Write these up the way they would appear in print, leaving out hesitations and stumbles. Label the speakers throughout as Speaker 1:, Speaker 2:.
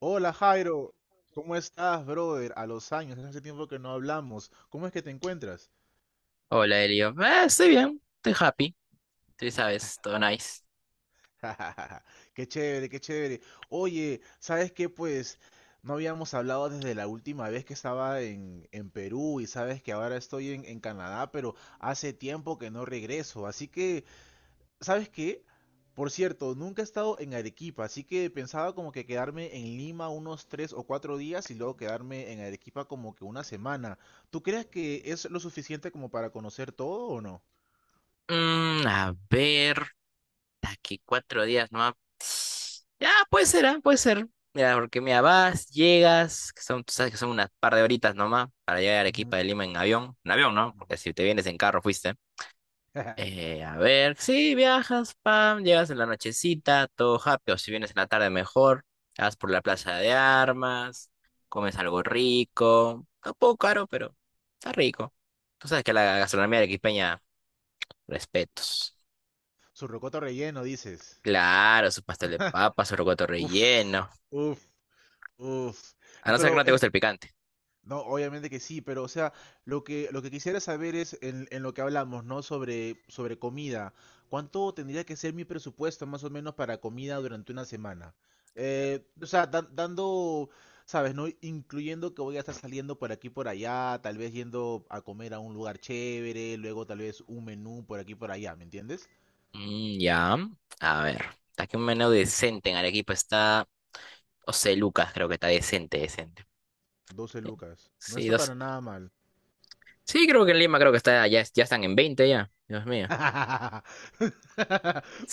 Speaker 1: Hola, Jairo, ¿cómo estás, brother? A los años, hace tiempo que no hablamos. ¿Cómo es que te encuentras?
Speaker 2: Hola, Elio. Estoy bien, estoy happy, tú sabes, todo nice.
Speaker 1: Qué chévere, qué chévere. Oye, ¿sabes qué? Pues no habíamos hablado desde la última vez que estaba en Perú y sabes que ahora estoy en Canadá, pero hace tiempo que no regreso. Así que ¿sabes qué? Por cierto, nunca he estado en Arequipa, así que pensaba como que quedarme en Lima unos tres o cuatro días y luego quedarme en Arequipa como que una semana. ¿Tú crees que es lo suficiente como para conocer todo o no?
Speaker 2: A ver, aquí 4 días, ¿no? Ah, ya, puede ser, ah, puede ser. Mira, porque mira, vas, llegas, que son, tú sabes que son unas par de horitas nomás para llegar a
Speaker 1: Ujú,
Speaker 2: Arequipa de Lima en avión. En avión, ¿no?
Speaker 1: ujú.
Speaker 2: Porque si te vienes en carro, fuiste. A ver, sí, viajas, pam, llegas en la nochecita, todo happy, o si vienes en la tarde mejor, vas por la
Speaker 1: Sí.
Speaker 2: Plaza de Armas, comes algo rico, está un poco caro, pero está rico. Tú sabes que la gastronomía de arequipeña, respetos.
Speaker 1: Su rocoto relleno, dices.
Speaker 2: Claro, su pastel de papa, su rocoto
Speaker 1: Uf,
Speaker 2: relleno,
Speaker 1: uf, uf.
Speaker 2: a no ser que
Speaker 1: Pero
Speaker 2: no te guste el picante.
Speaker 1: no, obviamente que sí, pero o sea, lo que quisiera saber es en lo que hablamos, ¿no? Sobre, sobre comida. ¿Cuánto tendría que ser mi presupuesto más o menos para comida durante una semana? O sea, dando, ¿sabes? ¿No? Incluyendo que voy a estar saliendo por aquí y por allá, tal vez yendo a comer a un lugar chévere, luego tal vez un menú por aquí y por allá, ¿me entiendes?
Speaker 2: Ya, a ver, aquí un menú decente en Arequipa está, o sea, lucas creo que está decente, decente.
Speaker 1: 12 lucas. No
Speaker 2: Sí,
Speaker 1: está para nada mal.
Speaker 2: sí, creo que en Lima creo que está, ya, ya están en 20 ya. Dios mío.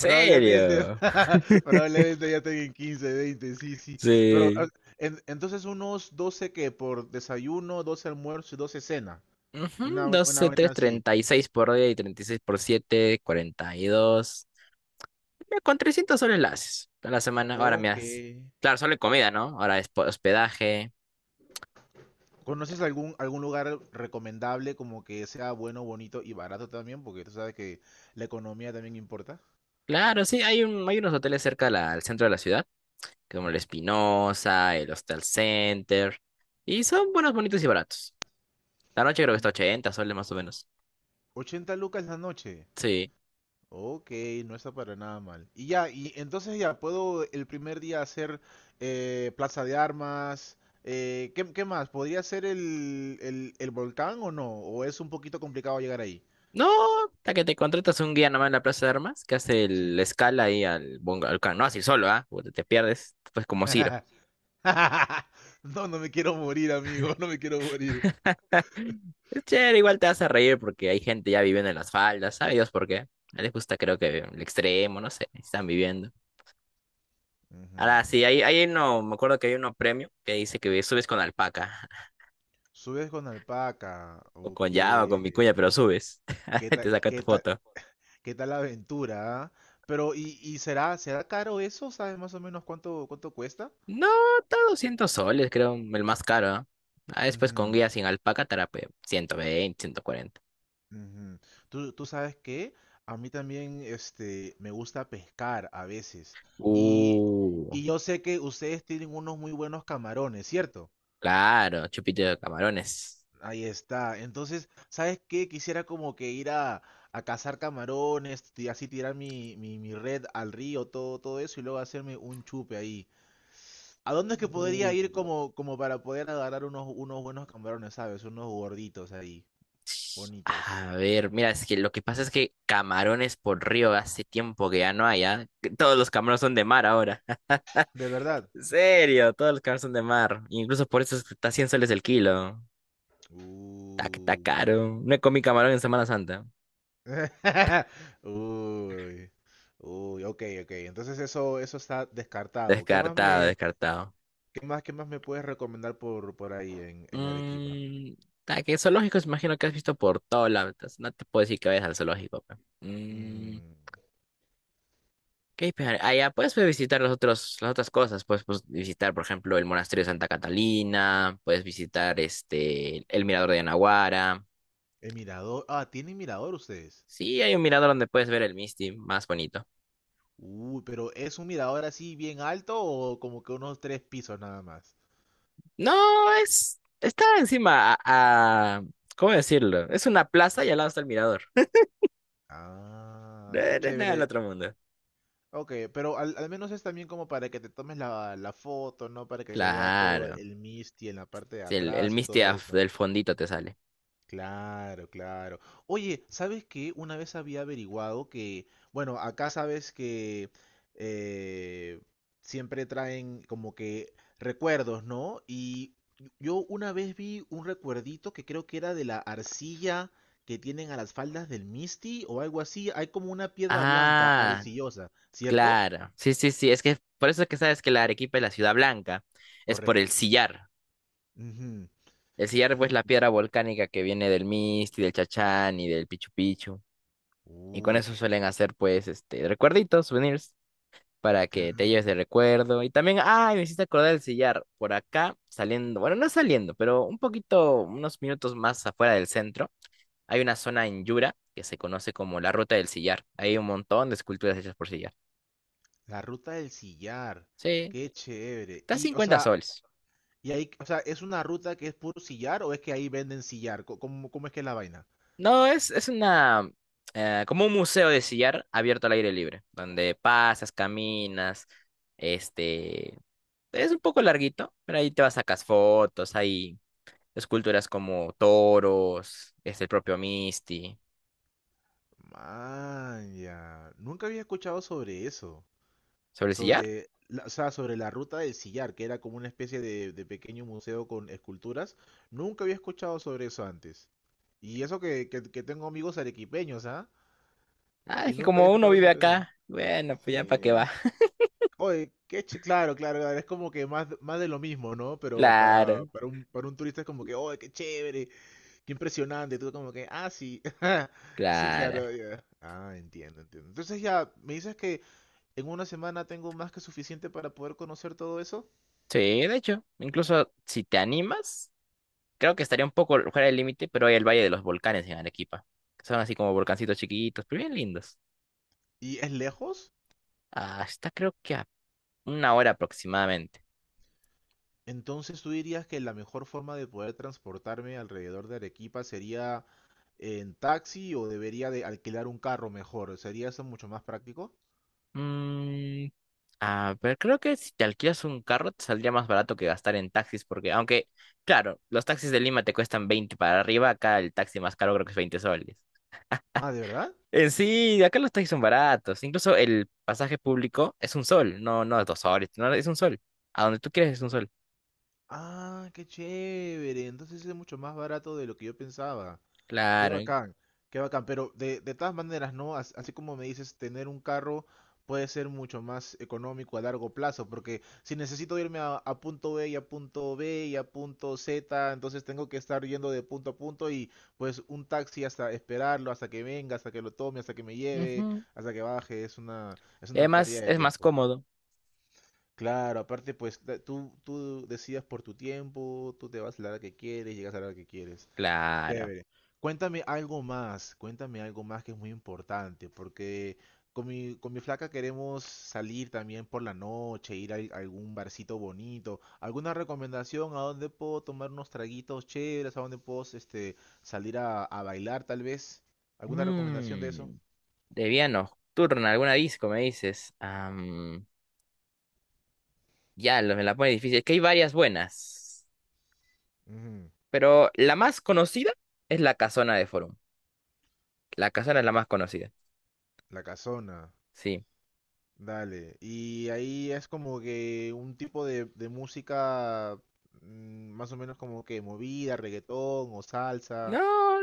Speaker 1: Probablemente, probablemente ya tenga en 15, 20, sí, sí. Pero
Speaker 2: Sí.
Speaker 1: entonces unos 12 que por desayuno, 12 almuerzo y 12 cena.
Speaker 2: Ujú,
Speaker 1: Una, una
Speaker 2: doce,
Speaker 1: buena
Speaker 2: tres,
Speaker 1: así.
Speaker 2: 36 por día y 36 por 7, 42. Mira, con 300 soles la haces a la semana. Ahora me
Speaker 1: Ok.
Speaker 2: haces. Claro, solo en comida, ¿no? Ahora es po- hospedaje.
Speaker 1: ¿Conoces algún lugar recomendable como que sea bueno, bonito y barato también? Porque tú sabes que la economía también importa.
Speaker 2: Claro, sí, hay, un, hay unos hoteles cerca de la- al centro de la ciudad, como el
Speaker 1: Ujú.
Speaker 2: Espinosa, el Hostel Center. Y son buenos, bonitos y baratos. La noche creo que está 80 soles más o menos.
Speaker 1: 80 lucas la noche.
Speaker 2: Sí.
Speaker 1: Ok, no está para nada mal. Y ya, y entonces ya puedo el primer día hacer Plaza de Armas. ¿Qué, qué más? ¿Podría ser el volcán o no? ¿O es un poquito complicado llegar ahí?
Speaker 2: No, hasta que te contratas un guía nomás en la Plaza de Armas, que hace
Speaker 1: Sí.
Speaker 2: el- la escala ahí al bongo, al can- no así solo, ¿ah? Puta, te pierdes, pues como Ciro.
Speaker 1: No, no me quiero morir, amigo. No me quiero morir.
Speaker 2: Es chévere, igual te hace reír porque hay gente ya viviendo en las faldas, ¿sabes Dios por qué? A les gusta creo que el extremo, no sé, están viviendo. Ahora
Speaker 1: Ujú.
Speaker 2: sí, hay uno, me acuerdo que hay uno premio que dice que subes con alpaca,
Speaker 1: Subes con alpaca.
Speaker 2: o
Speaker 1: Ok.
Speaker 2: con llama, o con
Speaker 1: ¿Qué
Speaker 2: vicuña, pero subes.
Speaker 1: tal,
Speaker 2: Te saca tu
Speaker 1: qué tal,
Speaker 2: foto.
Speaker 1: qué tal la aventura? ¿Ah? Pero, ¿y será, será caro eso? ¿Sabes más o menos cuánto, cuánto cuesta?
Speaker 2: No, está 200 soles, creo, el más caro, ¿ah? Ah, después con
Speaker 1: Ujú.
Speaker 2: guía sin alpaca, estará pues 120, 140.
Speaker 1: Ujú. Tú sabes que a mí también este, me gusta pescar a veces. Y,
Speaker 2: Uh,
Speaker 1: y yo sé que ustedes tienen unos muy buenos camarones, ¿cierto?
Speaker 2: claro, chupito de camarones.
Speaker 1: Ahí está. Entonces, ¿sabes qué? Quisiera como que ir a cazar camarones y así tirar mi red al río, todo, todo eso, y luego hacerme un chupe ahí. ¿A dónde es que podría ir
Speaker 2: Uh,
Speaker 1: como, como para poder agarrar unos, unos buenos camarones, ¿sabes? Unos gorditos ahí, bonitos.
Speaker 2: A ver, mira, es que lo que pasa es que camarones por río hace tiempo que ya no hay, ¿ah? Que todos los camarones son de mar ahora.
Speaker 1: ¿De verdad?
Speaker 2: En serio, todos los camarones son de mar. Incluso por eso es que está 100 soles el kilo. Está, está
Speaker 1: Uy,
Speaker 2: caro. No he comido camarón en Semana Santa.
Speaker 1: uy, uy, ok, ok. Entonces eso está descartado.
Speaker 2: Descartado, descartado.
Speaker 1: Qué más me puedes recomendar por ahí en Arequipa?
Speaker 2: Mmm, que zoológicos imagino que has visto por todos lados. No te puedo decir que vayas al zoológico. Pe. Mm,
Speaker 1: Mm,
Speaker 2: Ok, pero allá puedes pues, visitar los otros, las otras cosas. Puedes pues, visitar, por ejemplo, el monasterio de Santa Catalina, puedes visitar este, el mirador de Anahuara.
Speaker 1: el mirador. Ah, ¿tienen mirador ustedes?
Speaker 2: Sí, hay un mirador donde puedes ver el Misti más bonito.
Speaker 1: Uy, pero ¿es un mirador así bien alto o como que unos tres pisos nada más?
Speaker 2: No, es, está encima a, a- ¿cómo decirlo? Es una plaza y al lado está el mirador. No,
Speaker 1: Ah, está
Speaker 2: no es nada del
Speaker 1: chévere.
Speaker 2: otro mundo.
Speaker 1: Ok, pero al menos es también como para que te tomes la foto, ¿no? Para que se vea todo
Speaker 2: Claro.
Speaker 1: el Misty en la parte de
Speaker 2: Sí, el
Speaker 1: atrás y
Speaker 2: Misti
Speaker 1: todo
Speaker 2: af-
Speaker 1: eso.
Speaker 2: del fondito te sale.
Speaker 1: Claro, claro. Oye, ¿sabes qué? Una vez había averiguado que, bueno, acá sabes que eh, siempre traen como que recuerdos, ¿no? Y yo una vez vi un recuerdito que creo que era de la arcilla que tienen a las faldas del Misty o algo así. Hay como una piedra blanca
Speaker 2: Ah,
Speaker 1: arcillosa, ¿cierto?
Speaker 2: claro. Sí, sí, sí. Es que por eso es que sabes que la Arequipa es la ciudad blanca. Es por el
Speaker 1: Correcto.
Speaker 2: sillar.
Speaker 1: Ujú,
Speaker 2: El sillarbo es
Speaker 1: ujú.
Speaker 2: la piedra volcánica que viene del Misti del Chachán y del Pichu Pichu. Y con
Speaker 1: Uy,
Speaker 2: eso suelen hacer, pues, este, recuerditos, souvenirs, para que te lleves de
Speaker 1: claro.
Speaker 2: recuerdo. Y también, ay, me hiciste acordar del sillar. Por acá, saliendo, bueno, no saliendo, pero un poquito, unos minutos más afuera del centro, hay una zona en Yura que se conoce como la Ruta del Sillar. Hay un montón de esculturas hechas por sillar.
Speaker 1: La ruta del sillar.
Speaker 2: Sí,
Speaker 1: Qué chévere.
Speaker 2: está
Speaker 1: Y, o
Speaker 2: 50
Speaker 1: sea,
Speaker 2: soles.
Speaker 1: y ahí, o sea, ¿es una ruta que es puro sillar o es que ahí venden sillar? ¿Cómo, cómo es que es la vaina?
Speaker 2: No, es una, como un museo de sillar abierto al aire libre, donde pasas, caminas, este, es un poco larguito, pero ahí te vas a sacar fotos, hay esculturas como toros, es el propio Misty,
Speaker 1: Man, ya. Nunca había escuchado sobre eso.
Speaker 2: sobre el sillar.
Speaker 1: Sobre la, o sea, sobre la ruta del sillar, que era como una especie de pequeño museo con esculturas. Nunca había escuchado sobre eso antes. Y eso que, que tengo amigos arequipeños, ¿ah?
Speaker 2: Ah,
Speaker 1: Y
Speaker 2: es que
Speaker 1: nunca había
Speaker 2: como uno
Speaker 1: escuchado
Speaker 2: vive
Speaker 1: sobre eso.
Speaker 2: acá, bueno, pues ya para qué
Speaker 1: Sí.
Speaker 2: va.
Speaker 1: Oye, claro, claro, claro, es como que más, más de lo mismo, ¿no? Pero para,
Speaker 2: Claro,
Speaker 1: para un turista es como que, oye, qué chévere, qué impresionante, tú como que, ah, sí, sí,
Speaker 2: claro.
Speaker 1: claro, ya. Ah, entiendo, entiendo. Entonces ya, ¿me dices que en una semana tengo más que suficiente para poder conocer todo eso?
Speaker 2: Sí, de hecho, incluso si te animas. Creo que estaría un poco fuera del límite, pero hay el Valle de los Volcanes en Arequipa. Que son así como volcancitos chiquitos, pero bien lindos.
Speaker 1: ¿Y es lejos?
Speaker 2: Ah, está creo que a una hora aproximadamente.
Speaker 1: Entonces tú dirías que la mejor forma de poder transportarme alrededor de Arequipa sería en taxi o debería de alquilar un carro mejor. ¿Sería eso mucho más práctico?
Speaker 2: Mm, a ver, creo que si te alquilas un carro te saldría más barato que gastar en taxis, porque aunque, claro, los taxis de Lima te cuestan 20 para arriba, acá el taxi más caro creo que es 20 soles.
Speaker 1: Ah, ¿de verdad?
Speaker 2: En sí, acá los taxis son baratos. Incluso el pasaje público es 1 sol, no, no es 2 soles, no, es 1 sol. A donde tú quieres es 1 sol.
Speaker 1: Ah, qué chévere. Entonces es mucho más barato de lo que yo pensaba. Qué
Speaker 2: Claro.
Speaker 1: bacán, qué bacán, pero de todas maneras, ¿no? Así como me dices, tener un carro puede ser mucho más económico a largo plazo, porque si necesito irme a punto B y a punto B y a punto Z, entonces tengo que estar yendo de punto a punto y pues un taxi hasta esperarlo, hasta que venga, hasta que lo tome, hasta que me lleve,
Speaker 2: Ujú.
Speaker 1: hasta que baje, es
Speaker 2: Y
Speaker 1: una pérdida
Speaker 2: además
Speaker 1: de
Speaker 2: es más
Speaker 1: tiempo.
Speaker 2: cómodo.
Speaker 1: Claro, aparte pues tú decidas por tu tiempo, tú te vas a la hora que quieres, llegas a la hora que quieres.
Speaker 2: Claro.
Speaker 1: Chévere. Cuéntame algo más que es muy importante, porque con mi flaca queremos salir también por la noche, ir a algún barcito bonito. ¿Alguna recomendación a dónde puedo tomar unos traguitos chéveres, a dónde puedo este, salir a bailar tal vez? ¿Alguna recomendación de eso?
Speaker 2: Mm, de vía nocturna, alguna disco, me dices. Ya, me la pone difícil. Es que hay varias buenas.
Speaker 1: Ujú,
Speaker 2: Pero la más conocida es la Casona de Forum. La Casona es la más conocida.
Speaker 1: la casona,
Speaker 2: Sí.
Speaker 1: dale. Y ahí es como que un tipo de música mm, más o menos como que movida, reggaetón o
Speaker 2: No,
Speaker 1: salsa.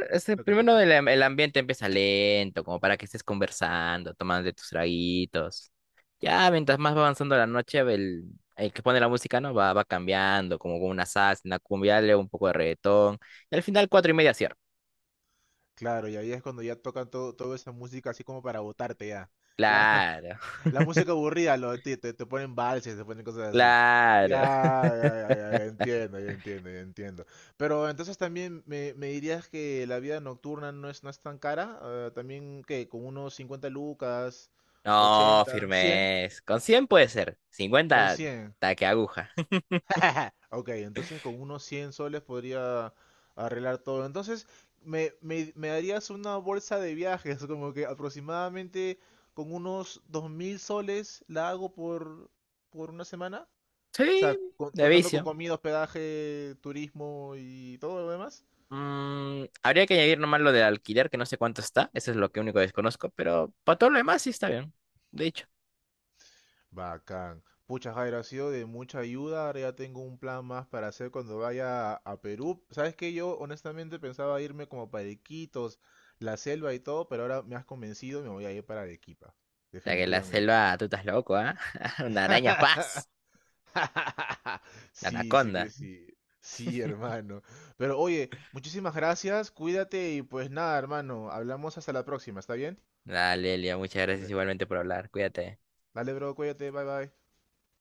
Speaker 2: este,
Speaker 1: Lo que
Speaker 2: primero
Speaker 1: toca.
Speaker 2: el, el ambiente empieza lento, como para que estés conversando, tomando tus traguitos. Ya, mientras más va avanzando la noche, el que pone la música, ¿no? Va cambiando, como con una salsa, una cumbia, luego un poco de reggaetón. Y al final, 4:30 cierra.
Speaker 1: Claro, y ahí es cuando ya tocan todo, toda esa música así como para botarte ya. La,
Speaker 2: Claro,
Speaker 1: la música aburrida, lo, te ponen valses, te ponen cosas así.
Speaker 2: claro.
Speaker 1: Ya, ya entiendo, ya entiendo, ya entiendo. Pero entonces también me dirías que la vida nocturna no es, no es tan cara. También, que con unos 50 lucas,
Speaker 2: No,
Speaker 1: 80, 100,
Speaker 2: firmes. Con 100 puede ser.
Speaker 1: con
Speaker 2: 50
Speaker 1: 100
Speaker 2: taque aguja.
Speaker 1: ok, entonces con unos 100 soles podría arreglar todo. Entonces, me darías una bolsa de viajes, como que aproximadamente con unos 2.000 soles la hago por una semana. O
Speaker 2: Sí,
Speaker 1: sea,
Speaker 2: de
Speaker 1: contando con
Speaker 2: vicio.
Speaker 1: comida, hospedaje, turismo y todo lo demás.
Speaker 2: Habría que añadir nomás lo del alquiler, que no sé cuánto está. Eso es lo que único desconozco, pero para todo lo demás sí está bien. De hecho,
Speaker 1: Bacán. Pucha, Jair, ha sido de mucha ayuda. Ahora ya tengo un plan más para hacer cuando vaya a Perú. Sabes que yo honestamente pensaba irme como para Iquitos, la selva y todo, pero ahora me has convencido y me voy a ir para Arequipa.
Speaker 2: ya que la
Speaker 1: Definitivamente.
Speaker 2: selva, tú estás loco, ¿ah? Una araña, ¡juas! La
Speaker 1: Sí, sí que
Speaker 2: anaconda.
Speaker 1: sí. Sí, hermano. Pero oye, muchísimas gracias. Cuídate y pues nada, hermano. Hablamos hasta la próxima, ¿está bien?
Speaker 2: Dale, Elia, muchas gracias
Speaker 1: Dale.
Speaker 2: igualmente por hablar. Cuídate.
Speaker 1: Dale, bro, cuídate. Bye, bye.